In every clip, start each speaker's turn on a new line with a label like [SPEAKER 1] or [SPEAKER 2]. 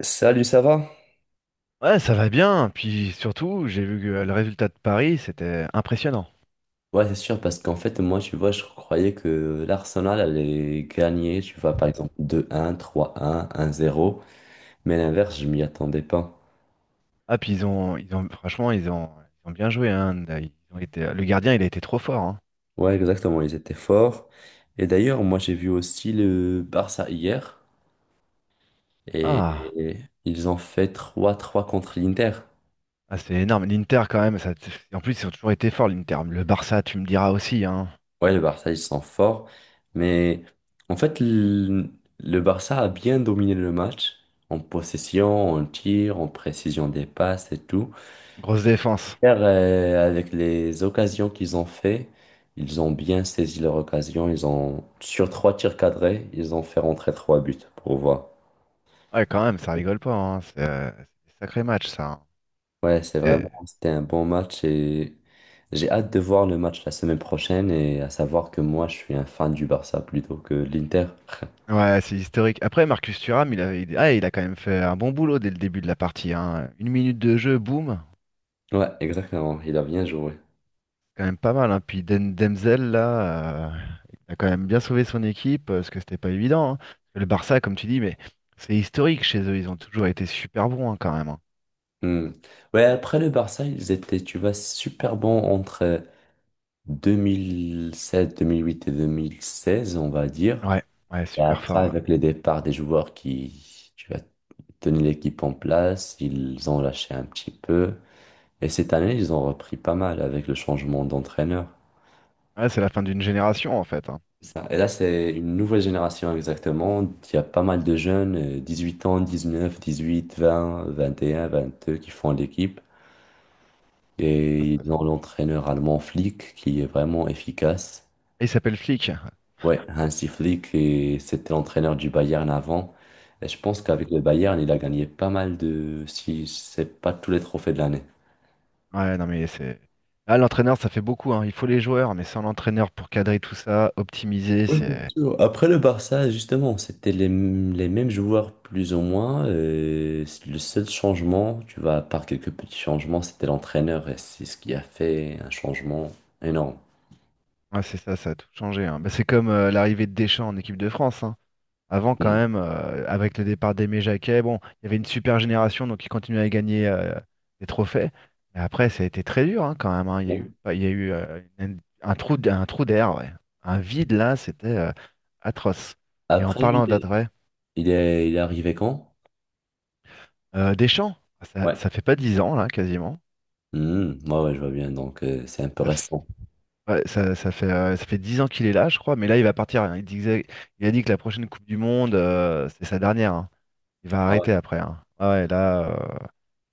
[SPEAKER 1] Salut, ça va?
[SPEAKER 2] Ouais, ça va bien. Puis surtout, j'ai vu que le résultat de Paris, c'était impressionnant.
[SPEAKER 1] Ouais, c'est sûr, parce qu'en fait, moi, tu vois, je croyais que l'Arsenal allait gagner, tu vois, par exemple, deux un, trois un zéro. Mais à l'inverse, je m'y attendais pas.
[SPEAKER 2] Ah, puis ils ont, franchement, ils ont bien joué. Hein. Ils ont été, le gardien, il a été trop fort. Hein.
[SPEAKER 1] Ouais, exactement, ils étaient forts. Et d'ailleurs, moi, j'ai vu aussi le Barça hier,
[SPEAKER 2] Ah,
[SPEAKER 1] et ils ont fait trois trois contre l'Inter.
[SPEAKER 2] ah, c'est énorme. L'Inter, quand même, ça, en plus, ils ont toujours été forts, l'Inter. Le Barça, tu me diras aussi. Hein.
[SPEAKER 1] Ouais, le Barça, ils sont forts, mais en fait, le Barça a bien dominé le match, en possession, en tir, en précision des passes et tout.
[SPEAKER 2] Grosse défense.
[SPEAKER 1] Car, avec les occasions qu'ils ont fait, ils ont bien saisi leur occasion. Ils ont, sur trois tirs cadrés, ils ont fait rentrer trois buts pour voir.
[SPEAKER 2] Ouais, quand même, ça rigole pas. Hein. C'est des sacrés matchs, ça. Hein.
[SPEAKER 1] Ouais, c'est vraiment,
[SPEAKER 2] C'est-
[SPEAKER 1] c'était un bon match et j'ai hâte de voir le match la semaine prochaine et à savoir que moi, je suis un fan du Barça plutôt que de l'Inter.
[SPEAKER 2] Ouais, c'est historique. Après, Marcus Thuram, il a quand même fait un bon boulot dès le début de la partie. Hein. Une minute de jeu, boum.
[SPEAKER 1] Ouais, exactement. Il a bien joué.
[SPEAKER 2] Quand même pas mal. Hein. Puis Demzel, là, il a quand même bien sauvé son équipe, parce que c'était pas évident. Hein. Le Barça, comme tu dis, mais c'est historique chez eux, ils ont toujours été super bons, hein, quand même. Hein.
[SPEAKER 1] Hmm. Ouais, après le Barça, ils étaient, tu vois, super bons entre 2007, 2008 et 2016, on va dire.
[SPEAKER 2] Ouais, ouais,
[SPEAKER 1] Et
[SPEAKER 2] super
[SPEAKER 1] après,
[SPEAKER 2] fort. Ouais.
[SPEAKER 1] avec le départ des joueurs qui, tu as tenu l'équipe en place, ils ont lâché un petit peu. Et cette année, ils ont repris pas mal avec le changement d'entraîneur.
[SPEAKER 2] Ouais, c'est la fin d'une génération en fait. Hein.
[SPEAKER 1] C'est ça. Et là, c'est une nouvelle génération exactement. Il y a pas mal de jeunes, 18 ans, 19, 18, 20, 21, 22, qui font l'équipe.
[SPEAKER 2] Ça,
[SPEAKER 1] Et
[SPEAKER 2] c'est-
[SPEAKER 1] ils ont l'entraîneur allemand Flick qui est vraiment efficace.
[SPEAKER 2] Il s'appelle Flick.
[SPEAKER 1] Ouais, Hansi Flick, et c'était l'entraîneur du Bayern avant. Et je pense
[SPEAKER 2] Ouais.
[SPEAKER 1] qu'avec le Bayern, il a gagné pas mal de, si c'est pas tous les trophées de l'année.
[SPEAKER 2] Ouais, non mais c'est. Là, l'entraîneur, ça fait beaucoup, hein. Il faut les joueurs, mais sans l'entraîneur pour cadrer tout ça, optimiser,
[SPEAKER 1] Ouais, bien
[SPEAKER 2] c'est.
[SPEAKER 1] sûr. Après le Barça, justement, c'était les, les mêmes joueurs plus ou moins. C'est le seul changement, tu vois, à part quelques petits changements, c'était l'entraîneur. Et c'est ce qui a fait un changement énorme.
[SPEAKER 2] Ouais, c'est ça, ça a tout changé. Hein. Bah, c'est comme l'arrivée de Deschamps en équipe de France. Hein. Avant, quand
[SPEAKER 1] Mm.
[SPEAKER 2] même, avec le départ d'Aimé Jacquet, bon, il y avait une super génération, donc ils continuaient à gagner, des trophées. Mais après, ça a été très dur, hein, quand même. Hein. Il y a eu,
[SPEAKER 1] Ouais.
[SPEAKER 2] il y a eu un trou, un trou d'air, ouais. Un vide là, c'était atroce. Et en
[SPEAKER 1] Après, lui,
[SPEAKER 2] parlant
[SPEAKER 1] il est,
[SPEAKER 2] d'après,
[SPEAKER 1] il est, il est arrivé quand?
[SPEAKER 2] Deschamps, ça,
[SPEAKER 1] Ouais.
[SPEAKER 2] ça fait pas 10 ans là, quasiment.
[SPEAKER 1] Mm, ouais, ouais, je vois bien. Donc, c'est un peu
[SPEAKER 2] Ça, f-
[SPEAKER 1] récent.
[SPEAKER 2] ouais, ça, ça fait 10 ans qu'il est là, je crois. Mais là, il va partir. Hein. Il disait, il a dit que la prochaine Coupe du Monde, c'est sa dernière. Hein. Il va
[SPEAKER 1] Ah ouais.
[SPEAKER 2] arrêter après. Hein. Ah ouais, là.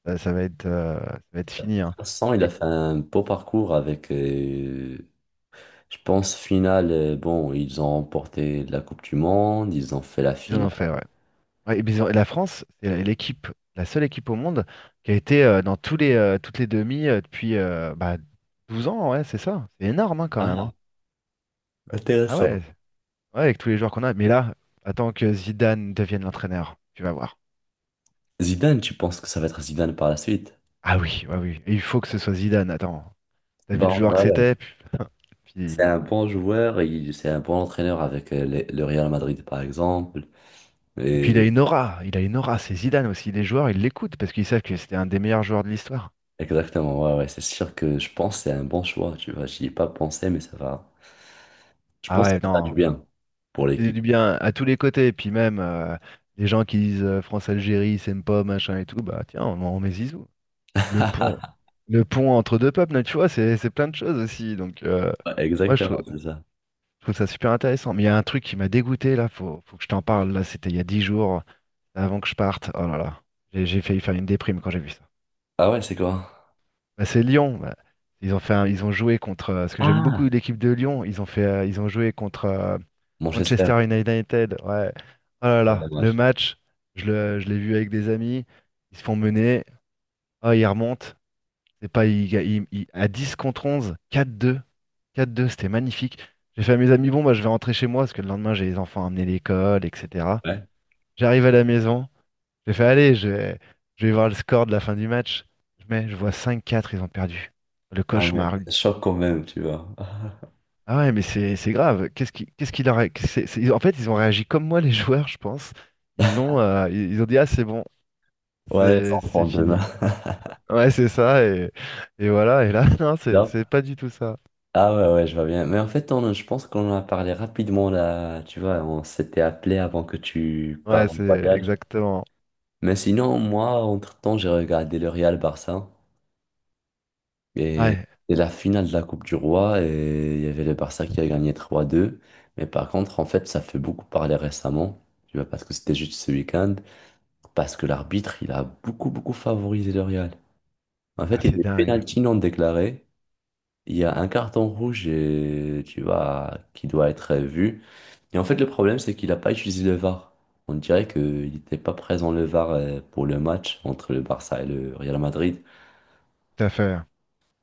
[SPEAKER 2] Ça, ça va être fini, hein.
[SPEAKER 1] Vincent, il a
[SPEAKER 2] Oui,
[SPEAKER 1] fait un beau parcours avec, je pense, finale. Bon, ils ont remporté la Coupe du Monde, ils ont fait la
[SPEAKER 2] ils en
[SPEAKER 1] finale.
[SPEAKER 2] ont fait, ouais. Ouais, et puis et la France, c'est l'équipe, la seule équipe au monde qui a été, dans toutes les demi, depuis, bah, 12 ans, ouais, c'est ça. C'est énorme, hein, quand même.
[SPEAKER 1] Ah,
[SPEAKER 2] Hein. Ah ouais, ouais, avec tous les joueurs qu'on a. Mais là, attends que Zidane devienne l'entraîneur, tu vas voir.
[SPEAKER 1] Zidane, tu penses que ça va être Zidane par la suite?
[SPEAKER 2] Ah oui, ouais, oui. Et il faut que ce soit Zidane, attends. T'as vu
[SPEAKER 1] Bah,
[SPEAKER 2] le
[SPEAKER 1] en
[SPEAKER 2] joueur que
[SPEAKER 1] vrai, ouais.
[SPEAKER 2] c'était?
[SPEAKER 1] C'est
[SPEAKER 2] Puis-
[SPEAKER 1] un bon joueur, c'est un bon entraîneur avec le Real Madrid, par exemple.
[SPEAKER 2] Et puis il
[SPEAKER 1] Et
[SPEAKER 2] a une aura, il a une aura, c'est Zidane aussi. Les joueurs, ils l'écoutent parce qu'ils savent que c'était un des meilleurs joueurs de l'histoire.
[SPEAKER 1] exactement, ouais, ouais, c'est sûr que je pense que c'est un bon choix, tu vois. J'y ai pas pensé, mais ça va. Je
[SPEAKER 2] Ah
[SPEAKER 1] pense que ça
[SPEAKER 2] ouais,
[SPEAKER 1] va faire du
[SPEAKER 2] non.
[SPEAKER 1] bien pour
[SPEAKER 2] C'est
[SPEAKER 1] l'équipe.
[SPEAKER 2] du bien à tous les côtés. Et puis même, les gens qui disent, France-Algérie, c'est pas machin et tout, bah tiens, en met Zizou. Le pont, le pont entre deux peuples, là, tu vois, c'est plein de choses aussi. Donc,
[SPEAKER 1] Ouais,
[SPEAKER 2] moi, je
[SPEAKER 1] exactement,
[SPEAKER 2] trouve,
[SPEAKER 1] c'est ça.
[SPEAKER 2] je trouve ça super intéressant. Mais il y a un truc qui m'a dégoûté, là, faut que je t'en parle. Là, c'était il y a 10 jours, avant que je parte. Oh là là, j'ai failli faire une déprime quand j'ai vu ça.
[SPEAKER 1] Ah ouais, c'est quoi?
[SPEAKER 2] Bah, c'est Lyon. Bah. Ils ont joué contre. Parce que j'aime beaucoup
[SPEAKER 1] Ah,
[SPEAKER 2] l'équipe de Lyon. Ils ont joué contre, Manchester
[SPEAKER 1] Manchester.
[SPEAKER 2] United. Ouais. Oh là
[SPEAKER 1] Ah,
[SPEAKER 2] là, le
[SPEAKER 1] dommage.
[SPEAKER 2] match, je l'ai vu avec des amis. Ils se font mener. Ah, ils remontent. C'est pas ils ga- ils- ils- à 10 contre 11. 4-2, 4-2. C'était magnifique. J'ai fait à mes amis, bon, bah, je vais rentrer chez moi parce que le lendemain, j'ai les enfants à amener à l'école, etc.
[SPEAKER 1] Ouais.
[SPEAKER 2] J'arrive à la maison. J'ai fait, allez, je vais voir le score de la fin du match. Je mets, je vois 5-4. Ils ont perdu. Le
[SPEAKER 1] Ah ouais,
[SPEAKER 2] cauchemar.
[SPEAKER 1] ça choque quand même, tu vois.
[SPEAKER 2] Ah ouais, mais c'est grave. Qu'est-ce qui, qu'est-ce qu'il a ré- qu'est-ce que c'est- En fait, ils ont réagi comme moi, les joueurs, je pense. Ils ont dit, ah, c'est bon,
[SPEAKER 1] Ouais, les
[SPEAKER 2] c'est
[SPEAKER 1] enfants
[SPEAKER 2] c'est
[SPEAKER 1] demain.
[SPEAKER 2] fini. Ouais, c'est ça, et voilà. Et là, non, c'est
[SPEAKER 1] Non?
[SPEAKER 2] c'est pas du tout ça.
[SPEAKER 1] Ah ouais, ouais, je vois bien. Mais en fait, on, je pense qu'on en a parlé rapidement là, tu vois, on s'était appelé avant que tu pars
[SPEAKER 2] Ouais,
[SPEAKER 1] en
[SPEAKER 2] c'est
[SPEAKER 1] voyage.
[SPEAKER 2] exactement.
[SPEAKER 1] Mais sinon, moi, entre-temps, j'ai regardé le Real Barça et
[SPEAKER 2] Ouais,
[SPEAKER 1] c'est la finale de la Coupe du Roi et il y avait le Barça qui a gagné 3-2. Mais par contre, en fait, ça fait beaucoup parler récemment, tu vois, parce que c'était juste ce week-end, parce que l'arbitre, il a beaucoup, beaucoup favorisé le Real. En
[SPEAKER 2] ah,
[SPEAKER 1] fait, il y a
[SPEAKER 2] c'est
[SPEAKER 1] des
[SPEAKER 2] dingue.
[SPEAKER 1] pénaltys non déclarés. Il y a un carton rouge et tu vois, qui doit être vu. Et en fait, le problème, c'est qu'il n'a pas utilisé le VAR. On dirait qu'il n'était pas présent le VAR pour le match entre le Barça et le Real Madrid.
[SPEAKER 2] Tout à fait.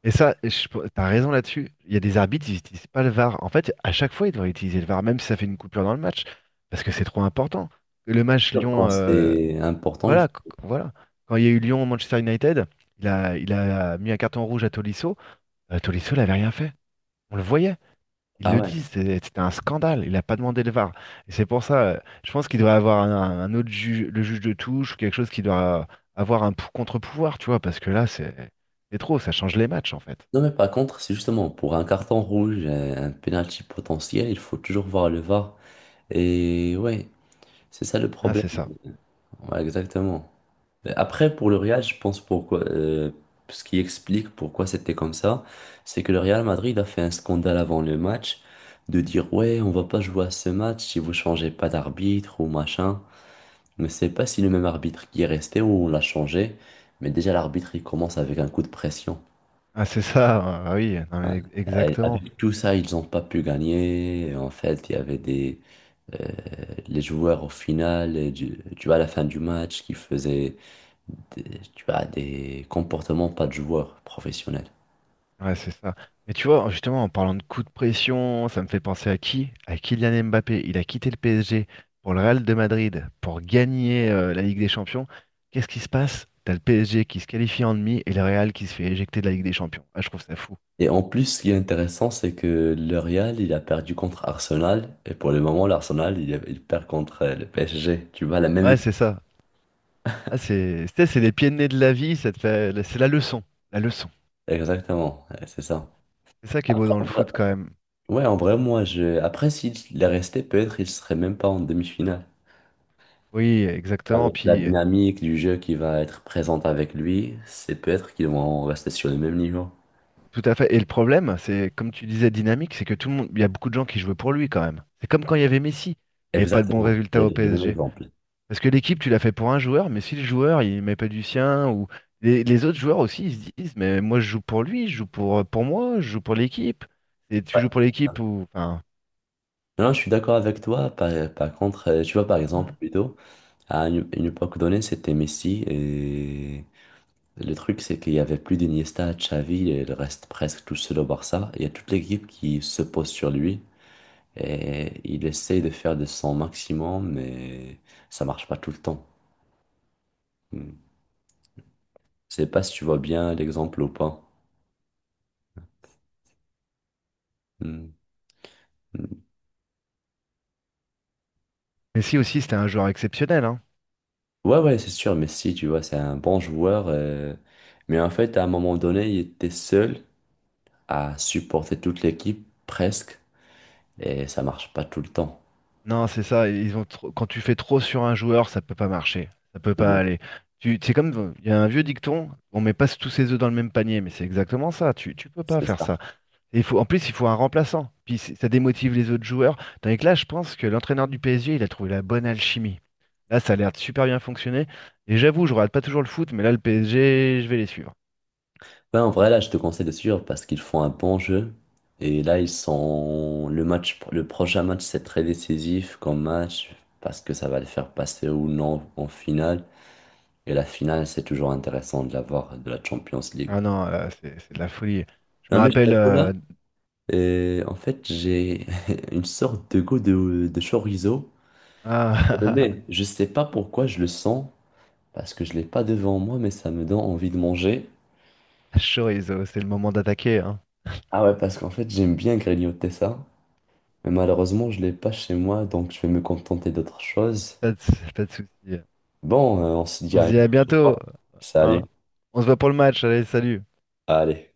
[SPEAKER 2] Et ça, t'as raison là-dessus. Il y a des arbitres, ils utilisent pas le VAR. En fait, à chaque fois, ils devraient utiliser le VAR, même si ça fait une coupure dans le match, parce que c'est trop important. Le match
[SPEAKER 1] Sûr,
[SPEAKER 2] lyon
[SPEAKER 1] quand
[SPEAKER 2] lyon
[SPEAKER 1] c'est important, il faut...
[SPEAKER 2] Voilà, voilà. Quand il y a eu Lyon-Manchester United, il a mis un carton rouge à Tolisso. Tolisso n'avait rien fait. On le voyait. Ils
[SPEAKER 1] Ah
[SPEAKER 2] le
[SPEAKER 1] ouais.
[SPEAKER 2] disent. C'était un scandale. Il n'a pas demandé le VAR. Et c'est pour ça, je pense qu'il doit avoir un autre juge, le juge de touche, ou quelque chose qui doit avoir un contre-pouvoir, tu vois, parce que là, c'est trop. Ça change les matchs, en fait.
[SPEAKER 1] Non, mais par contre, c'est justement pour un carton rouge, un penalty potentiel, il faut toujours voir le VAR. Et ouais, c'est ça le
[SPEAKER 2] Ah,
[SPEAKER 1] problème.
[SPEAKER 2] c'est ça.
[SPEAKER 1] Ouais, exactement. Mais après, pour le Real, je pense pourquoi, ce qui explique pourquoi c'était comme ça, c'est que le Real Madrid a fait un scandale avant le match de dire ouais, on va pas jouer à ce match si vous changez pas d'arbitre ou machin. Mais c'est pas si le même arbitre qui est resté ou on l'a changé, mais déjà l'arbitre il commence avec un coup de pression.
[SPEAKER 2] Ah, c'est ça. Ah, oui, non,
[SPEAKER 1] Ouais.
[SPEAKER 2] mais exactement.
[SPEAKER 1] Avec tout ça, ils n'ont pas pu gagner. En fait, il y avait des euh, les joueurs au final, tu vois, à la fin du match, qui faisaient tu as des comportements pas de joueurs professionnels.
[SPEAKER 2] Ouais, c'est ça. Mais tu vois, justement, en parlant de coup de pression, ça me fait penser à qui? À Kylian Mbappé. Il a quitté le PSG pour le Real de Madrid, pour gagner, la Ligue des Champions. Qu'est-ce qui se passe? T'as le PSG qui se qualifie en demi et le Real qui se fait éjecter de la Ligue des Champions. Ah, je trouve ça fou.
[SPEAKER 1] Et en plus, ce qui est intéressant, c'est que le Real, il a perdu contre Arsenal. Et pour le moment, l'Arsenal, il perd contre le PSG. Tu vois, la même
[SPEAKER 2] Ouais,
[SPEAKER 1] équipe.
[SPEAKER 2] c'est ça. Ah, c'est, tu sais, c'est les pieds de nez de la vie, c'est la leçon. La leçon.
[SPEAKER 1] Exactement, ouais, c'est ça.
[SPEAKER 2] C'est ça qui est beau
[SPEAKER 1] Après,
[SPEAKER 2] dans le foot quand même.
[SPEAKER 1] ouais, en vrai, moi, je... Après, s'il est resté, peut-être il serait même pas en demi-finale.
[SPEAKER 2] Oui, exactement.
[SPEAKER 1] Avec la
[SPEAKER 2] Puis
[SPEAKER 1] dynamique du jeu qui va être présente avec lui, c'est peut-être qu'ils vont rester sur le même niveau.
[SPEAKER 2] Tout à fait. Et le problème, c'est, comme tu disais, dynamique, c'est que tout le monde, il y a beaucoup de gens qui jouaient pour lui quand même. C'est comme quand il y avait Messi. Il n'y avait pas de bons
[SPEAKER 1] Exactement,
[SPEAKER 2] résultats
[SPEAKER 1] j'allais
[SPEAKER 2] au
[SPEAKER 1] dire le même
[SPEAKER 2] PSG.
[SPEAKER 1] exemple.
[SPEAKER 2] Parce que l'équipe, tu l'as fait pour un joueur, mais si le joueur, il met pas du sien, ou les autres joueurs aussi, ils se disent, mais moi, je joue pour lui, je joue pour moi, je joue pour l'équipe. Et tu
[SPEAKER 1] Ouais.
[SPEAKER 2] joues pour l'équipe ou, enfin,
[SPEAKER 1] Non, je suis d'accord avec toi. Par contre, tu vois, par exemple, plutôt, à une époque donnée, c'était Messi. Et le truc, c'est qu'il y avait plus d'Iniesta, Xavi, et il reste presque tout seul au Barça. Il y a toute l'équipe qui se pose sur lui. Et il essaye de faire de son maximum, mais ça marche pas tout le temps. Hmm. Je sais pas si tu vois bien l'exemple ou pas. Hmm. Hmm.
[SPEAKER 2] Messi aussi, c'était un joueur exceptionnel, hein.
[SPEAKER 1] Ouais, ouais, c'est sûr, Messi, tu vois, c'est un bon joueur. Mais en fait, à un moment donné, il était seul. À supporter toute l'équipe presque et ça marche pas tout le temps.
[SPEAKER 2] Non, c'est ça. Quand tu fais trop sur un joueur, ça peut pas marcher. Ça peut pas
[SPEAKER 1] Mhm.
[SPEAKER 2] aller. C'est comme il y a un vieux dicton, on met pas tous ses œufs dans le même panier, mais c'est exactement ça. Tu peux pas
[SPEAKER 1] C'est
[SPEAKER 2] faire
[SPEAKER 1] ça.
[SPEAKER 2] ça. En plus, il faut un remplaçant. Puis ça démotive les autres joueurs. Tandis que là, je pense que l'entraîneur du PSG, il a trouvé la bonne alchimie. Là, ça a l'air de super bien fonctionner. Et j'avoue, je regarde pas toujours le foot, mais là, le PSG, je vais les suivre.
[SPEAKER 1] Ouais, en vrai, là, je te conseille de suivre parce qu'ils font un bon jeu. Et là, ils sont. Le match, le prochain match, c'est très décisif comme match parce que ça va les faire passer ou non en finale. Et la finale, c'est toujours intéressant de la voir de la Champions League.
[SPEAKER 2] Ah non, là, c'est de la folie. Je me
[SPEAKER 1] Non, mais je
[SPEAKER 2] rappelle.
[SPEAKER 1] t'avoue là, en fait, j'ai une sorte de goût de chorizo.
[SPEAKER 2] Ah,
[SPEAKER 1] Mais je sais pas pourquoi je le sens. Parce que je l'ai pas devant moi, mais ça me donne envie de manger.
[SPEAKER 2] Chorizo, c'est le moment d'attaquer, hein.
[SPEAKER 1] Ah ouais, parce qu'en fait, j'aime bien grignoter ça, mais malheureusement, je l'ai pas chez moi, donc je vais me contenter d'autre chose.
[SPEAKER 2] Pas de, pas de souci.
[SPEAKER 1] Bon, on se dit
[SPEAKER 2] On
[SPEAKER 1] à
[SPEAKER 2] se
[SPEAKER 1] une
[SPEAKER 2] dit à
[SPEAKER 1] prochaine
[SPEAKER 2] bientôt,
[SPEAKER 1] fois. Salut.
[SPEAKER 2] hein. On se voit pour le match. Allez, salut.
[SPEAKER 1] Allez.